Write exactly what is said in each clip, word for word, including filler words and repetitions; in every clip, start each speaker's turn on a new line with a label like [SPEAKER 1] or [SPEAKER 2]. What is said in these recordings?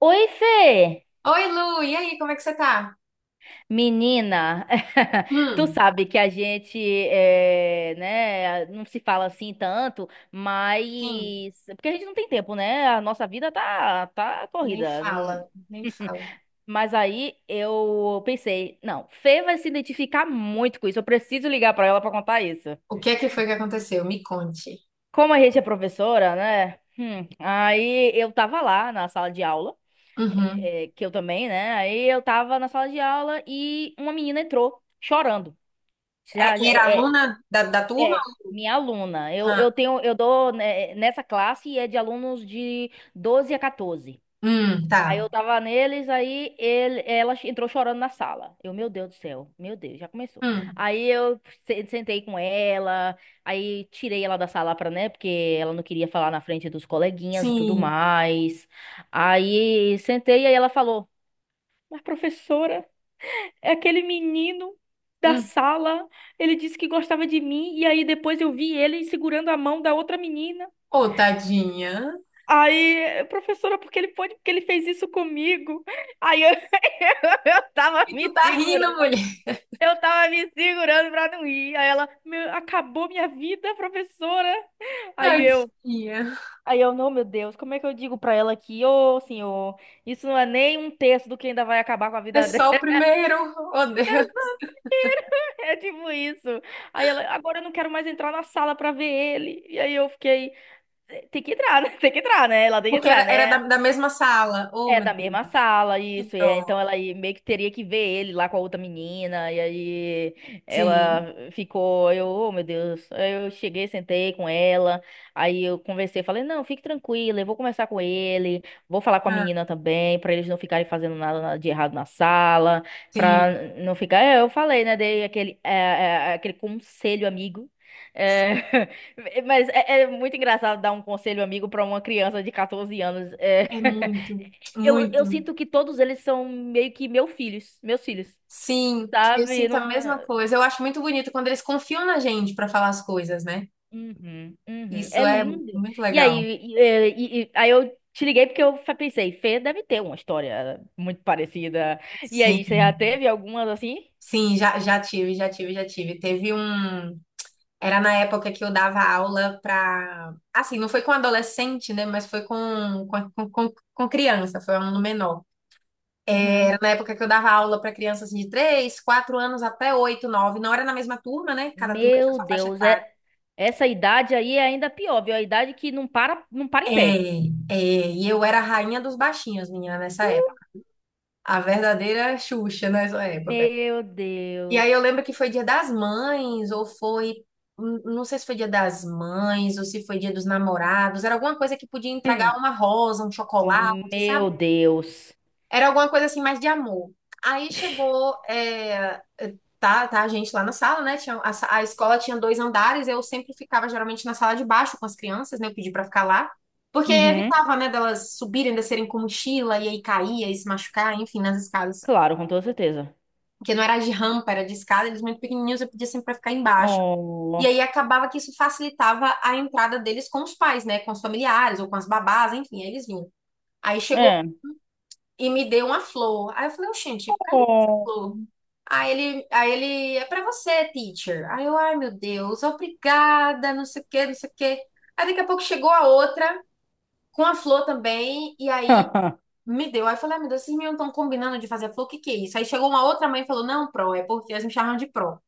[SPEAKER 1] Oi, Fê!
[SPEAKER 2] Oi, Lu, e aí, como é que você tá?
[SPEAKER 1] Menina, tu
[SPEAKER 2] Hum.
[SPEAKER 1] sabe que a gente, é, né, não se fala assim tanto,
[SPEAKER 2] Sim.
[SPEAKER 1] mas... Porque a gente não tem tempo, né? A nossa vida tá, tá
[SPEAKER 2] Nem
[SPEAKER 1] corrida.
[SPEAKER 2] fala, nem fala.
[SPEAKER 1] Mas aí eu pensei, não, Fê vai se identificar muito com isso, eu preciso ligar pra ela pra contar isso.
[SPEAKER 2] O que é que foi que aconteceu? Me conte.
[SPEAKER 1] Como a gente é professora, né? Hum, aí eu tava lá na sala de aula,
[SPEAKER 2] Uhum.
[SPEAKER 1] é, que eu também, né? Aí eu tava na sala de aula e uma menina entrou chorando.
[SPEAKER 2] É,
[SPEAKER 1] Já, já-
[SPEAKER 2] era
[SPEAKER 1] é,
[SPEAKER 2] aluna da, da turma?
[SPEAKER 1] é, é, minha aluna. Eu,
[SPEAKER 2] Ah,
[SPEAKER 1] eu tenho, eu dou, né, nessa classe é de alunos de doze a catorze.
[SPEAKER 2] hum,
[SPEAKER 1] Aí
[SPEAKER 2] tá.
[SPEAKER 1] eu tava neles, aí ele, ela entrou chorando na sala. Eu, meu Deus do céu, meu Deus, já começou.
[SPEAKER 2] Hum,
[SPEAKER 1] Aí eu se- sentei com ela, aí tirei ela da sala pra, né, porque ela não queria falar na frente dos coleguinhas e tudo
[SPEAKER 2] sim.
[SPEAKER 1] mais. Aí sentei, aí ela falou. Mas, professora, é aquele menino da
[SPEAKER 2] Hum.
[SPEAKER 1] sala. Ele disse que gostava de mim, e aí depois eu vi ele segurando a mão da outra menina.
[SPEAKER 2] Ô, tadinha.
[SPEAKER 1] Aí, professora, porque ele pode, porque ele fez isso comigo. Aí eu, eu tava
[SPEAKER 2] E
[SPEAKER 1] me
[SPEAKER 2] tu tá rindo,
[SPEAKER 1] segurando,
[SPEAKER 2] mulher.
[SPEAKER 1] eu tava me segurando pra não ir. Aí ela, "Meu, acabou minha vida, professora." Aí eu,
[SPEAKER 2] Tadinha.
[SPEAKER 1] aí eu, não, meu Deus, como é que eu digo pra ela que, ô, senhor, isso não é nem um terço do que ainda vai acabar com a
[SPEAKER 2] É
[SPEAKER 1] vida.
[SPEAKER 2] só o primeiro. Oh, Deus.
[SPEAKER 1] É tipo isso. Aí ela, agora eu não quero mais entrar na sala pra ver ele. E aí eu fiquei, tem que entrar, né? Tem que entrar, né? Ela tem que
[SPEAKER 2] Porque era,
[SPEAKER 1] entrar,
[SPEAKER 2] era
[SPEAKER 1] né?
[SPEAKER 2] da, da mesma sala. Oh,
[SPEAKER 1] É,
[SPEAKER 2] meu
[SPEAKER 1] da mesma
[SPEAKER 2] Deus.
[SPEAKER 1] sala,
[SPEAKER 2] Que
[SPEAKER 1] isso. E é, então
[SPEAKER 2] dó.
[SPEAKER 1] ela aí meio que teria que ver ele lá com a outra menina. E aí
[SPEAKER 2] Sim.
[SPEAKER 1] ela ficou, eu, oh, meu Deus. Aí eu cheguei, sentei com ela. Aí eu conversei, falei, não, fique tranquila, eu vou conversar com ele, vou falar com a
[SPEAKER 2] Ah,
[SPEAKER 1] menina também, pra eles não ficarem fazendo nada na- de errado na sala, pra
[SPEAKER 2] sim.
[SPEAKER 1] não ficar. É, eu falei, né? Dei aquele, é, é, aquele conselho amigo. É, mas é, é muito engraçado dar um conselho amigo pra uma criança de catorze anos. É.
[SPEAKER 2] É muito,
[SPEAKER 1] Eu, eu
[SPEAKER 2] muito.
[SPEAKER 1] sinto que todos eles são meio que meus filhos, meus filhos,
[SPEAKER 2] Sim, eu
[SPEAKER 1] sabe?
[SPEAKER 2] sinto
[SPEAKER 1] Não-
[SPEAKER 2] a mesma coisa. Eu acho muito bonito quando eles confiam na gente para falar as coisas, né?
[SPEAKER 1] Uhum, uhum.
[SPEAKER 2] Isso
[SPEAKER 1] É
[SPEAKER 2] é
[SPEAKER 1] lindo.
[SPEAKER 2] muito
[SPEAKER 1] E
[SPEAKER 2] legal.
[SPEAKER 1] aí, e- é, e- e- aí eu te liguei porque eu fa- pensei, Fê deve ter uma história muito parecida. E aí, você
[SPEAKER 2] Sim,
[SPEAKER 1] já teve algumas assim?
[SPEAKER 2] sim, já, já tive, já tive, já tive. Teve um. Era na época que eu dava aula para. Assim, não foi com adolescente, né? Mas foi com, com, com, com com criança, foi um aluno menor. Era
[SPEAKER 1] Uhum.
[SPEAKER 2] na época que eu dava aula para crianças assim, de três quatro anos até oito nove. Não era na mesma turma, né? Cada turma tinha
[SPEAKER 1] Meu
[SPEAKER 2] sua faixa
[SPEAKER 1] Deus,
[SPEAKER 2] etária.
[SPEAKER 1] é essa idade aí é ainda pior, viu? A idade que não para, não para em pé.
[SPEAKER 2] É, é, e eu era a rainha dos baixinhos, menina, nessa época. A verdadeira Xuxa nessa época.
[SPEAKER 1] Meu
[SPEAKER 2] E
[SPEAKER 1] Deus.
[SPEAKER 2] aí eu lembro que foi Dia das Mães, ou foi. n- Não sei se foi Dia das Mães, ou se foi Dia dos Namorados. Era alguma coisa que podia entregar uma rosa, um
[SPEAKER 1] Hum.
[SPEAKER 2] chocolate, sabe?
[SPEAKER 1] Meu Deus.
[SPEAKER 2] Era alguma coisa assim mais de amor. Aí chegou. É. Tá, tá, a gente lá na sala, né? Tinha, a, sa- a escola tinha dois andares, eu sempre ficava geralmente na sala de baixo com as crianças, né? Eu pedi pra ficar lá. Porque aí
[SPEAKER 1] Uhum.
[SPEAKER 2] evitava, né, delas subirem, descerem com mochila e aí caía e se machucar, enfim, nas escadas.
[SPEAKER 1] Claro, com toda certeza.
[SPEAKER 2] Que não era de rampa, era de escada, eles muito pequenininhos, eu pedia sempre para ficar embaixo. E
[SPEAKER 1] Oh,
[SPEAKER 2] aí acabava que isso facilitava a entrada deles com os pais, né? Com os familiares ou com as babás, enfim, aí eles vinham. Aí chegou
[SPEAKER 1] é.
[SPEAKER 2] e me deu uma flor. Aí eu falei, gente, cadê essa
[SPEAKER 1] Oh.
[SPEAKER 2] flor? Aí ele, aí ele, é pra você, teacher. Aí eu, ai meu Deus, obrigada, não sei o quê, não sei o quê. Aí daqui a pouco chegou a outra, com a flor também, e aí me deu. Aí eu falei, ai meu Deus, vocês me estão combinando de fazer a flor, o que que é isso? Aí chegou uma outra mãe e falou, não, pro, é porque eles me chamam de pro.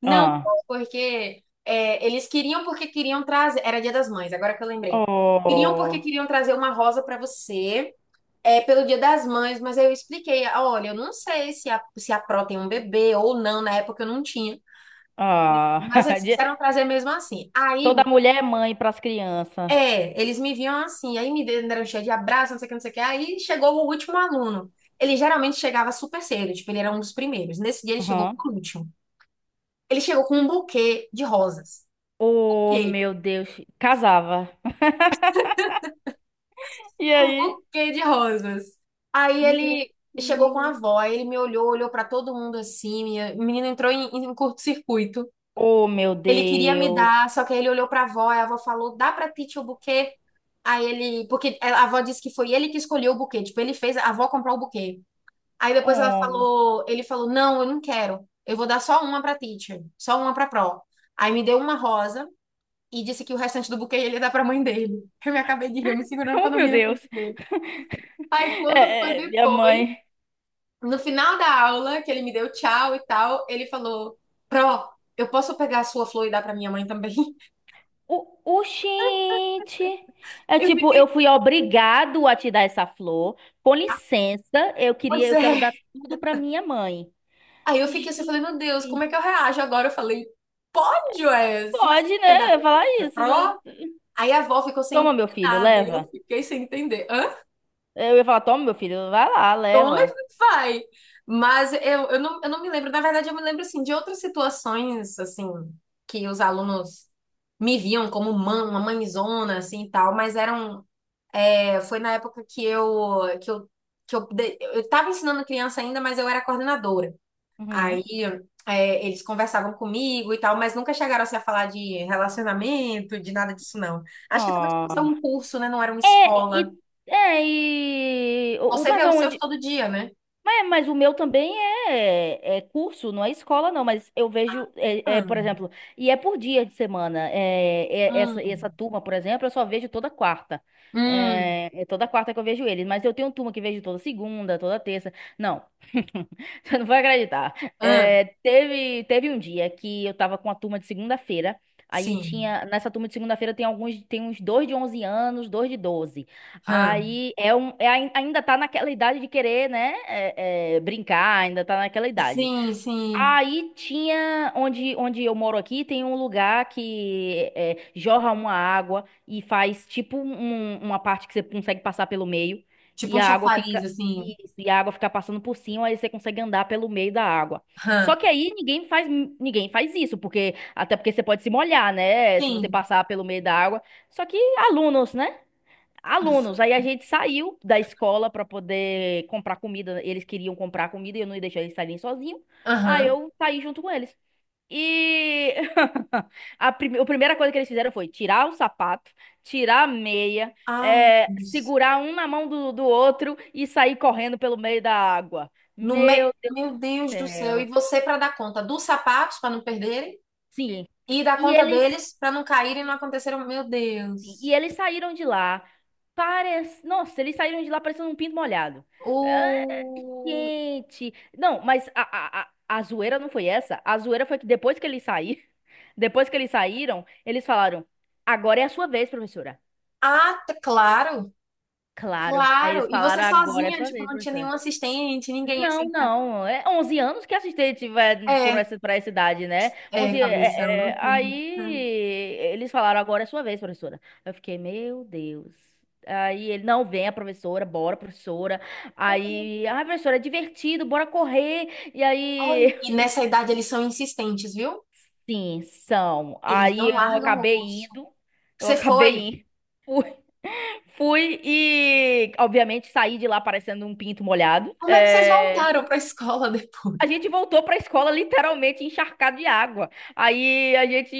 [SPEAKER 2] Não,
[SPEAKER 1] Ah.
[SPEAKER 2] porque é, eles queriam porque queriam trazer. Era Dia das Mães, agora que eu lembrei. Queriam porque
[SPEAKER 1] Oh.
[SPEAKER 2] queriam trazer uma rosa para você, é, pelo Dia das Mães, mas aí eu expliquei: "Ah, olha, eu não sei se a, se a Pro tem um bebê ou não, na época eu não tinha, mas
[SPEAKER 1] Ah.
[SPEAKER 2] eles
[SPEAKER 1] De-
[SPEAKER 2] quiseram trazer mesmo assim." Aí,
[SPEAKER 1] Toda
[SPEAKER 2] me-
[SPEAKER 1] mulher é mãe para as crianças.
[SPEAKER 2] é, eles me viam assim, aí me deram cheio de abraço, não sei o que, não sei o que. Aí chegou o último aluno. Ele geralmente chegava super cedo, tipo, ele era um dos primeiros. Nesse dia ele chegou
[SPEAKER 1] Aham.
[SPEAKER 2] por último. Ele chegou com um buquê de rosas.
[SPEAKER 1] Oh, meu Deus. Casava. E
[SPEAKER 2] Um
[SPEAKER 1] aí?
[SPEAKER 2] buquê de rosas. Aí
[SPEAKER 1] Meu
[SPEAKER 2] ele chegou com a
[SPEAKER 1] Deus.
[SPEAKER 2] avó, aí ele me olhou, olhou pra todo mundo assim, minha... o menino entrou em, em curto-circuito.
[SPEAKER 1] Oh, meu
[SPEAKER 2] Ele queria me dar,
[SPEAKER 1] Deus.
[SPEAKER 2] só que aí ele olhou pra avó, e a avó falou: "Dá pra ti tio, o buquê?" Aí ele, porque a avó disse que foi ele que escolheu o buquê, tipo, ele fez a avó comprar o buquê. Aí depois ela
[SPEAKER 1] Oh,
[SPEAKER 2] falou, ele falou: "Não, eu não quero. Eu vou dar só uma pra teacher, só uma pra pró". Aí me deu uma rosa e disse que o restante do buquê ele ia dar pra mãe dele. Eu me acabei de rir, eu me segurando pra
[SPEAKER 1] oh,
[SPEAKER 2] não
[SPEAKER 1] meu
[SPEAKER 2] rir na
[SPEAKER 1] Deus.
[SPEAKER 2] frente. Aí quando foi
[SPEAKER 1] É, é, minha
[SPEAKER 2] depois,
[SPEAKER 1] mãe.
[SPEAKER 2] no final da aula, que ele me deu tchau e tal, ele falou: Pró, eu posso pegar a sua flor e dar pra minha mãe também?
[SPEAKER 1] O, o, oxente. É
[SPEAKER 2] Eu
[SPEAKER 1] tipo, eu
[SPEAKER 2] fiquei,
[SPEAKER 1] fui obrigado a te dar essa flor. Com licença, eu queria,
[SPEAKER 2] pois
[SPEAKER 1] eu quero dar
[SPEAKER 2] é.
[SPEAKER 1] tudo para minha mãe.
[SPEAKER 2] Aí eu fiquei assim, eu falei, meu Deus,
[SPEAKER 1] Gente,
[SPEAKER 2] como é que eu reajo agora? Eu falei, pode, Wes, mas você
[SPEAKER 1] pode,
[SPEAKER 2] não
[SPEAKER 1] né?
[SPEAKER 2] vai dar
[SPEAKER 1] Eu ia falar
[SPEAKER 2] pra
[SPEAKER 1] isso, né?
[SPEAKER 2] Pró? Aí a avó ficou sem entender
[SPEAKER 1] Toma, meu filho,
[SPEAKER 2] nada e eu
[SPEAKER 1] leva.
[SPEAKER 2] fiquei sem entender.
[SPEAKER 1] Eu ia falar, toma, meu filho, vai lá,
[SPEAKER 2] Toma e
[SPEAKER 1] leva.
[SPEAKER 2] vai. Mas eu, eu, não, eu não me lembro. Na verdade, eu me lembro, assim, de outras situações, assim, que os alunos me viam como mãe, uma mãezona, assim, e tal. Mas eram... é, foi na época que eu... Que eu que eu, de- eu tava ensinando criança ainda, mas eu era coordenadora.
[SPEAKER 1] Uhum.
[SPEAKER 2] Aí é, eles conversavam comigo e tal, mas nunca chegaram assim, a falar de relacionamento, de nada disso, não. Acho que talvez por ser
[SPEAKER 1] Ó.
[SPEAKER 2] um curso, né? Não era uma
[SPEAKER 1] É,
[SPEAKER 2] escola.
[SPEAKER 1] e. É, e. o- o-
[SPEAKER 2] Você vê
[SPEAKER 1] Mas
[SPEAKER 2] os seus
[SPEAKER 1] onde.
[SPEAKER 2] todo dia, né?
[SPEAKER 1] Mas, mas o meu também é, é curso, não é escola, não. Mas eu vejo, é, é, por
[SPEAKER 2] Hum,
[SPEAKER 1] exemplo, e é por dia de semana. É, é- essa,
[SPEAKER 2] hum.
[SPEAKER 1] essa turma, por exemplo, eu só vejo toda quarta.
[SPEAKER 2] Hum,
[SPEAKER 1] É, é toda quarta que eu vejo eles. Mas eu tenho turma que vejo toda segunda, toda terça. Não, você não vai acreditar.
[SPEAKER 2] hã,
[SPEAKER 1] É, teve, teve um dia que eu tava com a turma de segunda-feira. Aí
[SPEAKER 2] sim,
[SPEAKER 1] tinha, nessa turma de segunda-feira tem alguns, tem uns dois de onze anos, dois de doze.
[SPEAKER 2] hã,
[SPEAKER 1] Aí é um, é, ai- ainda tá naquela idade de querer, né? é, é, brincar, ainda tá naquela idade.
[SPEAKER 2] sim, sim.
[SPEAKER 1] Aí tinha, onde, onde eu moro aqui, tem um lugar que é, jorra uma água e faz tipo um- um, uma parte que você consegue passar pelo meio
[SPEAKER 2] Tipo
[SPEAKER 1] e
[SPEAKER 2] um
[SPEAKER 1] a água
[SPEAKER 2] chafariz,
[SPEAKER 1] fica.
[SPEAKER 2] assim.
[SPEAKER 1] Isso, e a água fica passando por cima, aí você consegue andar pelo meio da água. Só
[SPEAKER 2] Hã.
[SPEAKER 1] que aí ninguém faz, ninguém faz isso, porque até porque você pode se molhar, né? Se você
[SPEAKER 2] Sim.
[SPEAKER 1] passar pelo meio da água. Só que alunos, né? Alunos. Aí a gente saiu da escola para poder comprar comida. Eles queriam comprar comida e eu não ia deixar eles saírem sozinhos. Aí
[SPEAKER 2] Aham.
[SPEAKER 1] eu saí junto com eles. E a, prime- a primeira coisa que eles fizeram foi tirar o sapato, tirar a meia,
[SPEAKER 2] Ah, meu
[SPEAKER 1] eh,
[SPEAKER 2] Deus.
[SPEAKER 1] segurar um na mão do, do outro e sair correndo pelo meio da água.
[SPEAKER 2] No meio.
[SPEAKER 1] Meu Deus
[SPEAKER 2] Meu
[SPEAKER 1] do
[SPEAKER 2] Deus do céu. E
[SPEAKER 1] céu.
[SPEAKER 2] você para dar conta dos sapatos para não perderem
[SPEAKER 1] Sim.
[SPEAKER 2] e dar
[SPEAKER 1] E
[SPEAKER 2] conta
[SPEAKER 1] eles.
[SPEAKER 2] deles para não caírem e não acontecerem. um, Meu
[SPEAKER 1] Sim,
[SPEAKER 2] Deus.
[SPEAKER 1] e eles saíram de lá, parece... Nossa, eles saíram de lá parecendo um pinto molhado. Ah,
[SPEAKER 2] O...
[SPEAKER 1] gente! Não, mas a, a, a, a zoeira não foi essa. A zoeira foi que depois que eles saíram, depois que eles saíram, eles falaram, agora é a sua vez, professora.
[SPEAKER 2] Ah, tá- claro,
[SPEAKER 1] Claro. Aí eles
[SPEAKER 2] claro. E você
[SPEAKER 1] falaram, agora é a
[SPEAKER 2] sozinha,
[SPEAKER 1] sua
[SPEAKER 2] tipo,
[SPEAKER 1] vez,
[SPEAKER 2] não tinha nenhum
[SPEAKER 1] professora.
[SPEAKER 2] assistente, ninguém
[SPEAKER 1] Não,
[SPEAKER 2] assim. pra-
[SPEAKER 1] não. É onze anos que assistente vai por
[SPEAKER 2] É,
[SPEAKER 1] essa, pra essa idade, né?
[SPEAKER 2] é,
[SPEAKER 1] Onze. É-
[SPEAKER 2] cabeção,
[SPEAKER 1] é-
[SPEAKER 2] não
[SPEAKER 1] é,
[SPEAKER 2] tem. Hum.
[SPEAKER 1] aí eles falaram, agora é sua vez, professora. Eu fiquei, meu Deus. Aí ele, não, vem a professora, bora, professora. Aí, ah, professora, é divertido, bora correr. E
[SPEAKER 2] Olha,
[SPEAKER 1] aí,
[SPEAKER 2] e nessa idade eles são insistentes, viu?
[SPEAKER 1] sim, são.
[SPEAKER 2] Eles
[SPEAKER 1] Aí
[SPEAKER 2] não
[SPEAKER 1] eu
[SPEAKER 2] largam o
[SPEAKER 1] acabei
[SPEAKER 2] osso.
[SPEAKER 1] indo, eu
[SPEAKER 2] Você
[SPEAKER 1] acabei
[SPEAKER 2] foi?
[SPEAKER 1] indo. Fui e, obviamente, saí de lá parecendo um pinto molhado.
[SPEAKER 2] Como é que vocês
[SPEAKER 1] É...
[SPEAKER 2] voltaram pra escola depois?
[SPEAKER 1] A gente voltou para a escola literalmente encharcado de água. Aí a gente,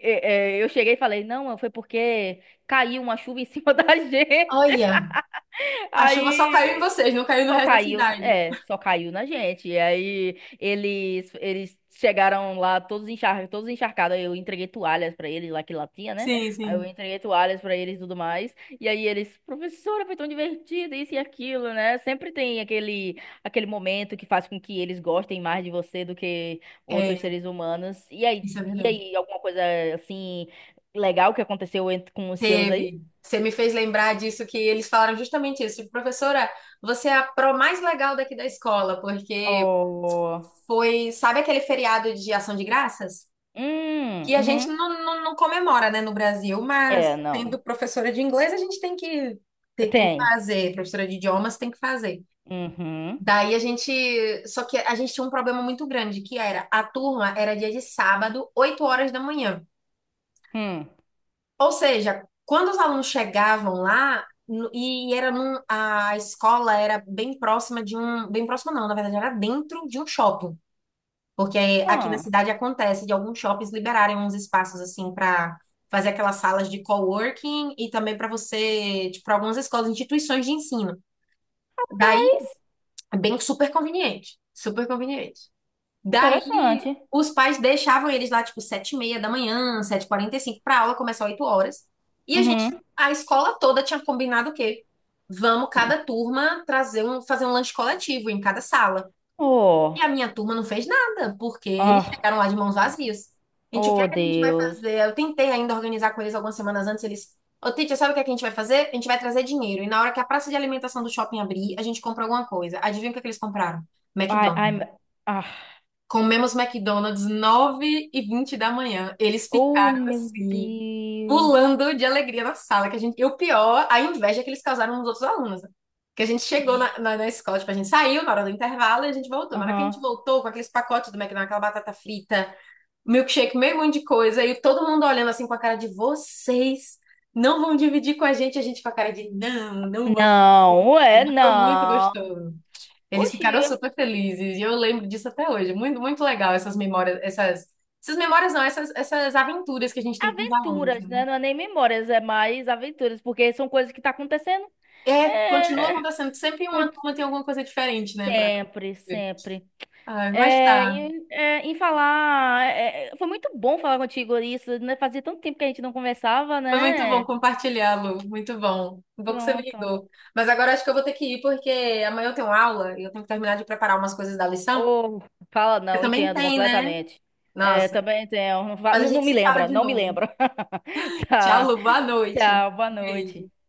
[SPEAKER 1] é, é, eu cheguei e falei, não, mãe, foi porque caiu uma chuva em cima da gente.
[SPEAKER 2] Olha, a chuva só caiu em
[SPEAKER 1] Aí
[SPEAKER 2] vocês, não caiu no
[SPEAKER 1] só
[SPEAKER 2] resto da
[SPEAKER 1] caiu, na-
[SPEAKER 2] cidade.
[SPEAKER 1] é, só caiu na gente. E aí eles eles chegaram lá todos encharcados, todos encharcados. Aí eu entreguei toalhas pra eles lá que lá tinha, né?
[SPEAKER 2] Sim,
[SPEAKER 1] Aí eu
[SPEAKER 2] sim.
[SPEAKER 1] entreguei toalhas pra eles e tudo mais. E aí eles, professora, foi tão divertido isso e aquilo, né? Sempre tem aquele aquele momento que faz com que eles gostem mais de você do que
[SPEAKER 2] É,
[SPEAKER 1] outros seres humanos. E aí,
[SPEAKER 2] isso é
[SPEAKER 1] e
[SPEAKER 2] verdade.
[SPEAKER 1] aí alguma coisa assim legal que aconteceu ent- com os seus aí?
[SPEAKER 2] Teve. Você me fez lembrar disso que eles falaram justamente isso. Tipo, professora, você é a pro mais legal daqui da escola, porque
[SPEAKER 1] Oh.
[SPEAKER 2] foi, sabe aquele feriado de Ação de Graças?
[SPEAKER 1] Hum,
[SPEAKER 2] Que a gente
[SPEAKER 1] uhum.
[SPEAKER 2] não, não, não comemora, né, no Brasil,
[SPEAKER 1] É,
[SPEAKER 2] mas sendo
[SPEAKER 1] não.
[SPEAKER 2] professora de inglês, a gente tem que, tem, tem que
[SPEAKER 1] Tem.
[SPEAKER 2] fazer, professora de idiomas tem que fazer.
[SPEAKER 1] Uhum.
[SPEAKER 2] Daí a gente, só que a gente tinha um problema muito grande, que era, a turma era dia de sábado, oito horas da manhã.
[SPEAKER 1] Hum.
[SPEAKER 2] Ou seja, quando os alunos chegavam lá, no- e era num, a escola era bem próxima de um, bem próxima não, na verdade era dentro de um shopping. Porque aqui na
[SPEAKER 1] Ah,
[SPEAKER 2] cidade acontece de alguns shoppings liberarem uns espaços assim para fazer aquelas salas de coworking e também para você, tipo, para algumas escolas, instituições de ensino. Daí,
[SPEAKER 1] rapaz,
[SPEAKER 2] é bem super conveniente, super conveniente. Daí,
[SPEAKER 1] interessante.
[SPEAKER 2] os pais deixavam eles lá, tipo, sete e meia da manhã, sete e quarenta e cinco, para aula começar oito horas. E a gente,
[SPEAKER 1] Uhum.
[SPEAKER 2] a escola toda tinha combinado o quê? Vamos
[SPEAKER 1] Hum.
[SPEAKER 2] cada turma trazer um, fazer um lanche coletivo em cada sala. E a
[SPEAKER 1] Oh.
[SPEAKER 2] minha turma não fez nada, porque eles
[SPEAKER 1] Ah.
[SPEAKER 2] chegaram lá de mãos vazias. A gente, o que é
[SPEAKER 1] Oh,
[SPEAKER 2] que a gente vai
[SPEAKER 1] Deus.
[SPEAKER 2] fazer? Eu tentei ainda organizar com eles algumas semanas antes, eles... Ô, Titi, sabe o que é que a gente vai fazer? A gente vai trazer dinheiro. E na hora que a praça de alimentação do shopping abrir, a gente compra alguma coisa. Adivinha o que é que eles compraram?
[SPEAKER 1] Ai, ai,
[SPEAKER 2] McDonald's.
[SPEAKER 1] ah.
[SPEAKER 2] Comemos McDonald's nove e vinte da manhã. Eles
[SPEAKER 1] Oh,
[SPEAKER 2] ficaram
[SPEAKER 1] meu
[SPEAKER 2] assim
[SPEAKER 1] Deus.
[SPEAKER 2] pulando de alegria na sala. Que a gente... E o pior, a inveja que eles causaram nos outros alunos, né? Que a gente chegou na, na, na escola, tipo, a gente saiu na hora do intervalo e a gente voltou. Na hora que a gente
[SPEAKER 1] Aham.
[SPEAKER 2] voltou, com aqueles pacotes do McDonald's, aquela batata frita, milkshake, meio monte de coisa, e todo mundo olhando assim com a cara de vocês não vão dividir com a gente, a gente com a cara de não, não vão dividir.
[SPEAKER 1] Não, é
[SPEAKER 2] Mas foi muito
[SPEAKER 1] não.
[SPEAKER 2] gostoso. Eles
[SPEAKER 1] Oxi,
[SPEAKER 2] ficaram super
[SPEAKER 1] eu-
[SPEAKER 2] felizes e eu lembro disso até hoje. Muito, muito legal essas memórias, essas, essas memórias não, essas, essas aventuras que a gente tem com os alunos,
[SPEAKER 1] aventuras,
[SPEAKER 2] né?
[SPEAKER 1] né? Não é nem memórias, é mais aventuras, porque são coisas que tá acontecendo.
[SPEAKER 2] É, continua
[SPEAKER 1] É.
[SPEAKER 2] acontecendo. Sempre uma turma tem alguma coisa diferente, né, pra
[SPEAKER 1] Sempre,
[SPEAKER 2] ver.
[SPEAKER 1] sempre.
[SPEAKER 2] Ai, mas
[SPEAKER 1] É,
[SPEAKER 2] tá.
[SPEAKER 1] em, é, em falar, é, é, foi muito bom falar contigo isso, né? Fazia tanto tempo que a gente não conversava,
[SPEAKER 2] Foi muito bom
[SPEAKER 1] né?
[SPEAKER 2] compartilhar, Lu. Muito bom. Um pouco você me
[SPEAKER 1] Pronto.
[SPEAKER 2] ligou. Mas agora acho que eu vou ter que ir, porque amanhã eu tenho aula e eu tenho que terminar de preparar umas coisas da lição.
[SPEAKER 1] Ou fala,
[SPEAKER 2] Você
[SPEAKER 1] não,
[SPEAKER 2] também
[SPEAKER 1] entendo
[SPEAKER 2] tem, né?
[SPEAKER 1] completamente. É,
[SPEAKER 2] Nossa.
[SPEAKER 1] também entendo. Não, fa-
[SPEAKER 2] Mas a
[SPEAKER 1] não não
[SPEAKER 2] gente
[SPEAKER 1] me
[SPEAKER 2] se fala
[SPEAKER 1] lembra,
[SPEAKER 2] de
[SPEAKER 1] não me
[SPEAKER 2] novo.
[SPEAKER 1] lembra.
[SPEAKER 2] Tchau,
[SPEAKER 1] Tá,
[SPEAKER 2] Lu. Boa noite.
[SPEAKER 1] tchau, boa
[SPEAKER 2] Um
[SPEAKER 1] noite.
[SPEAKER 2] beijo.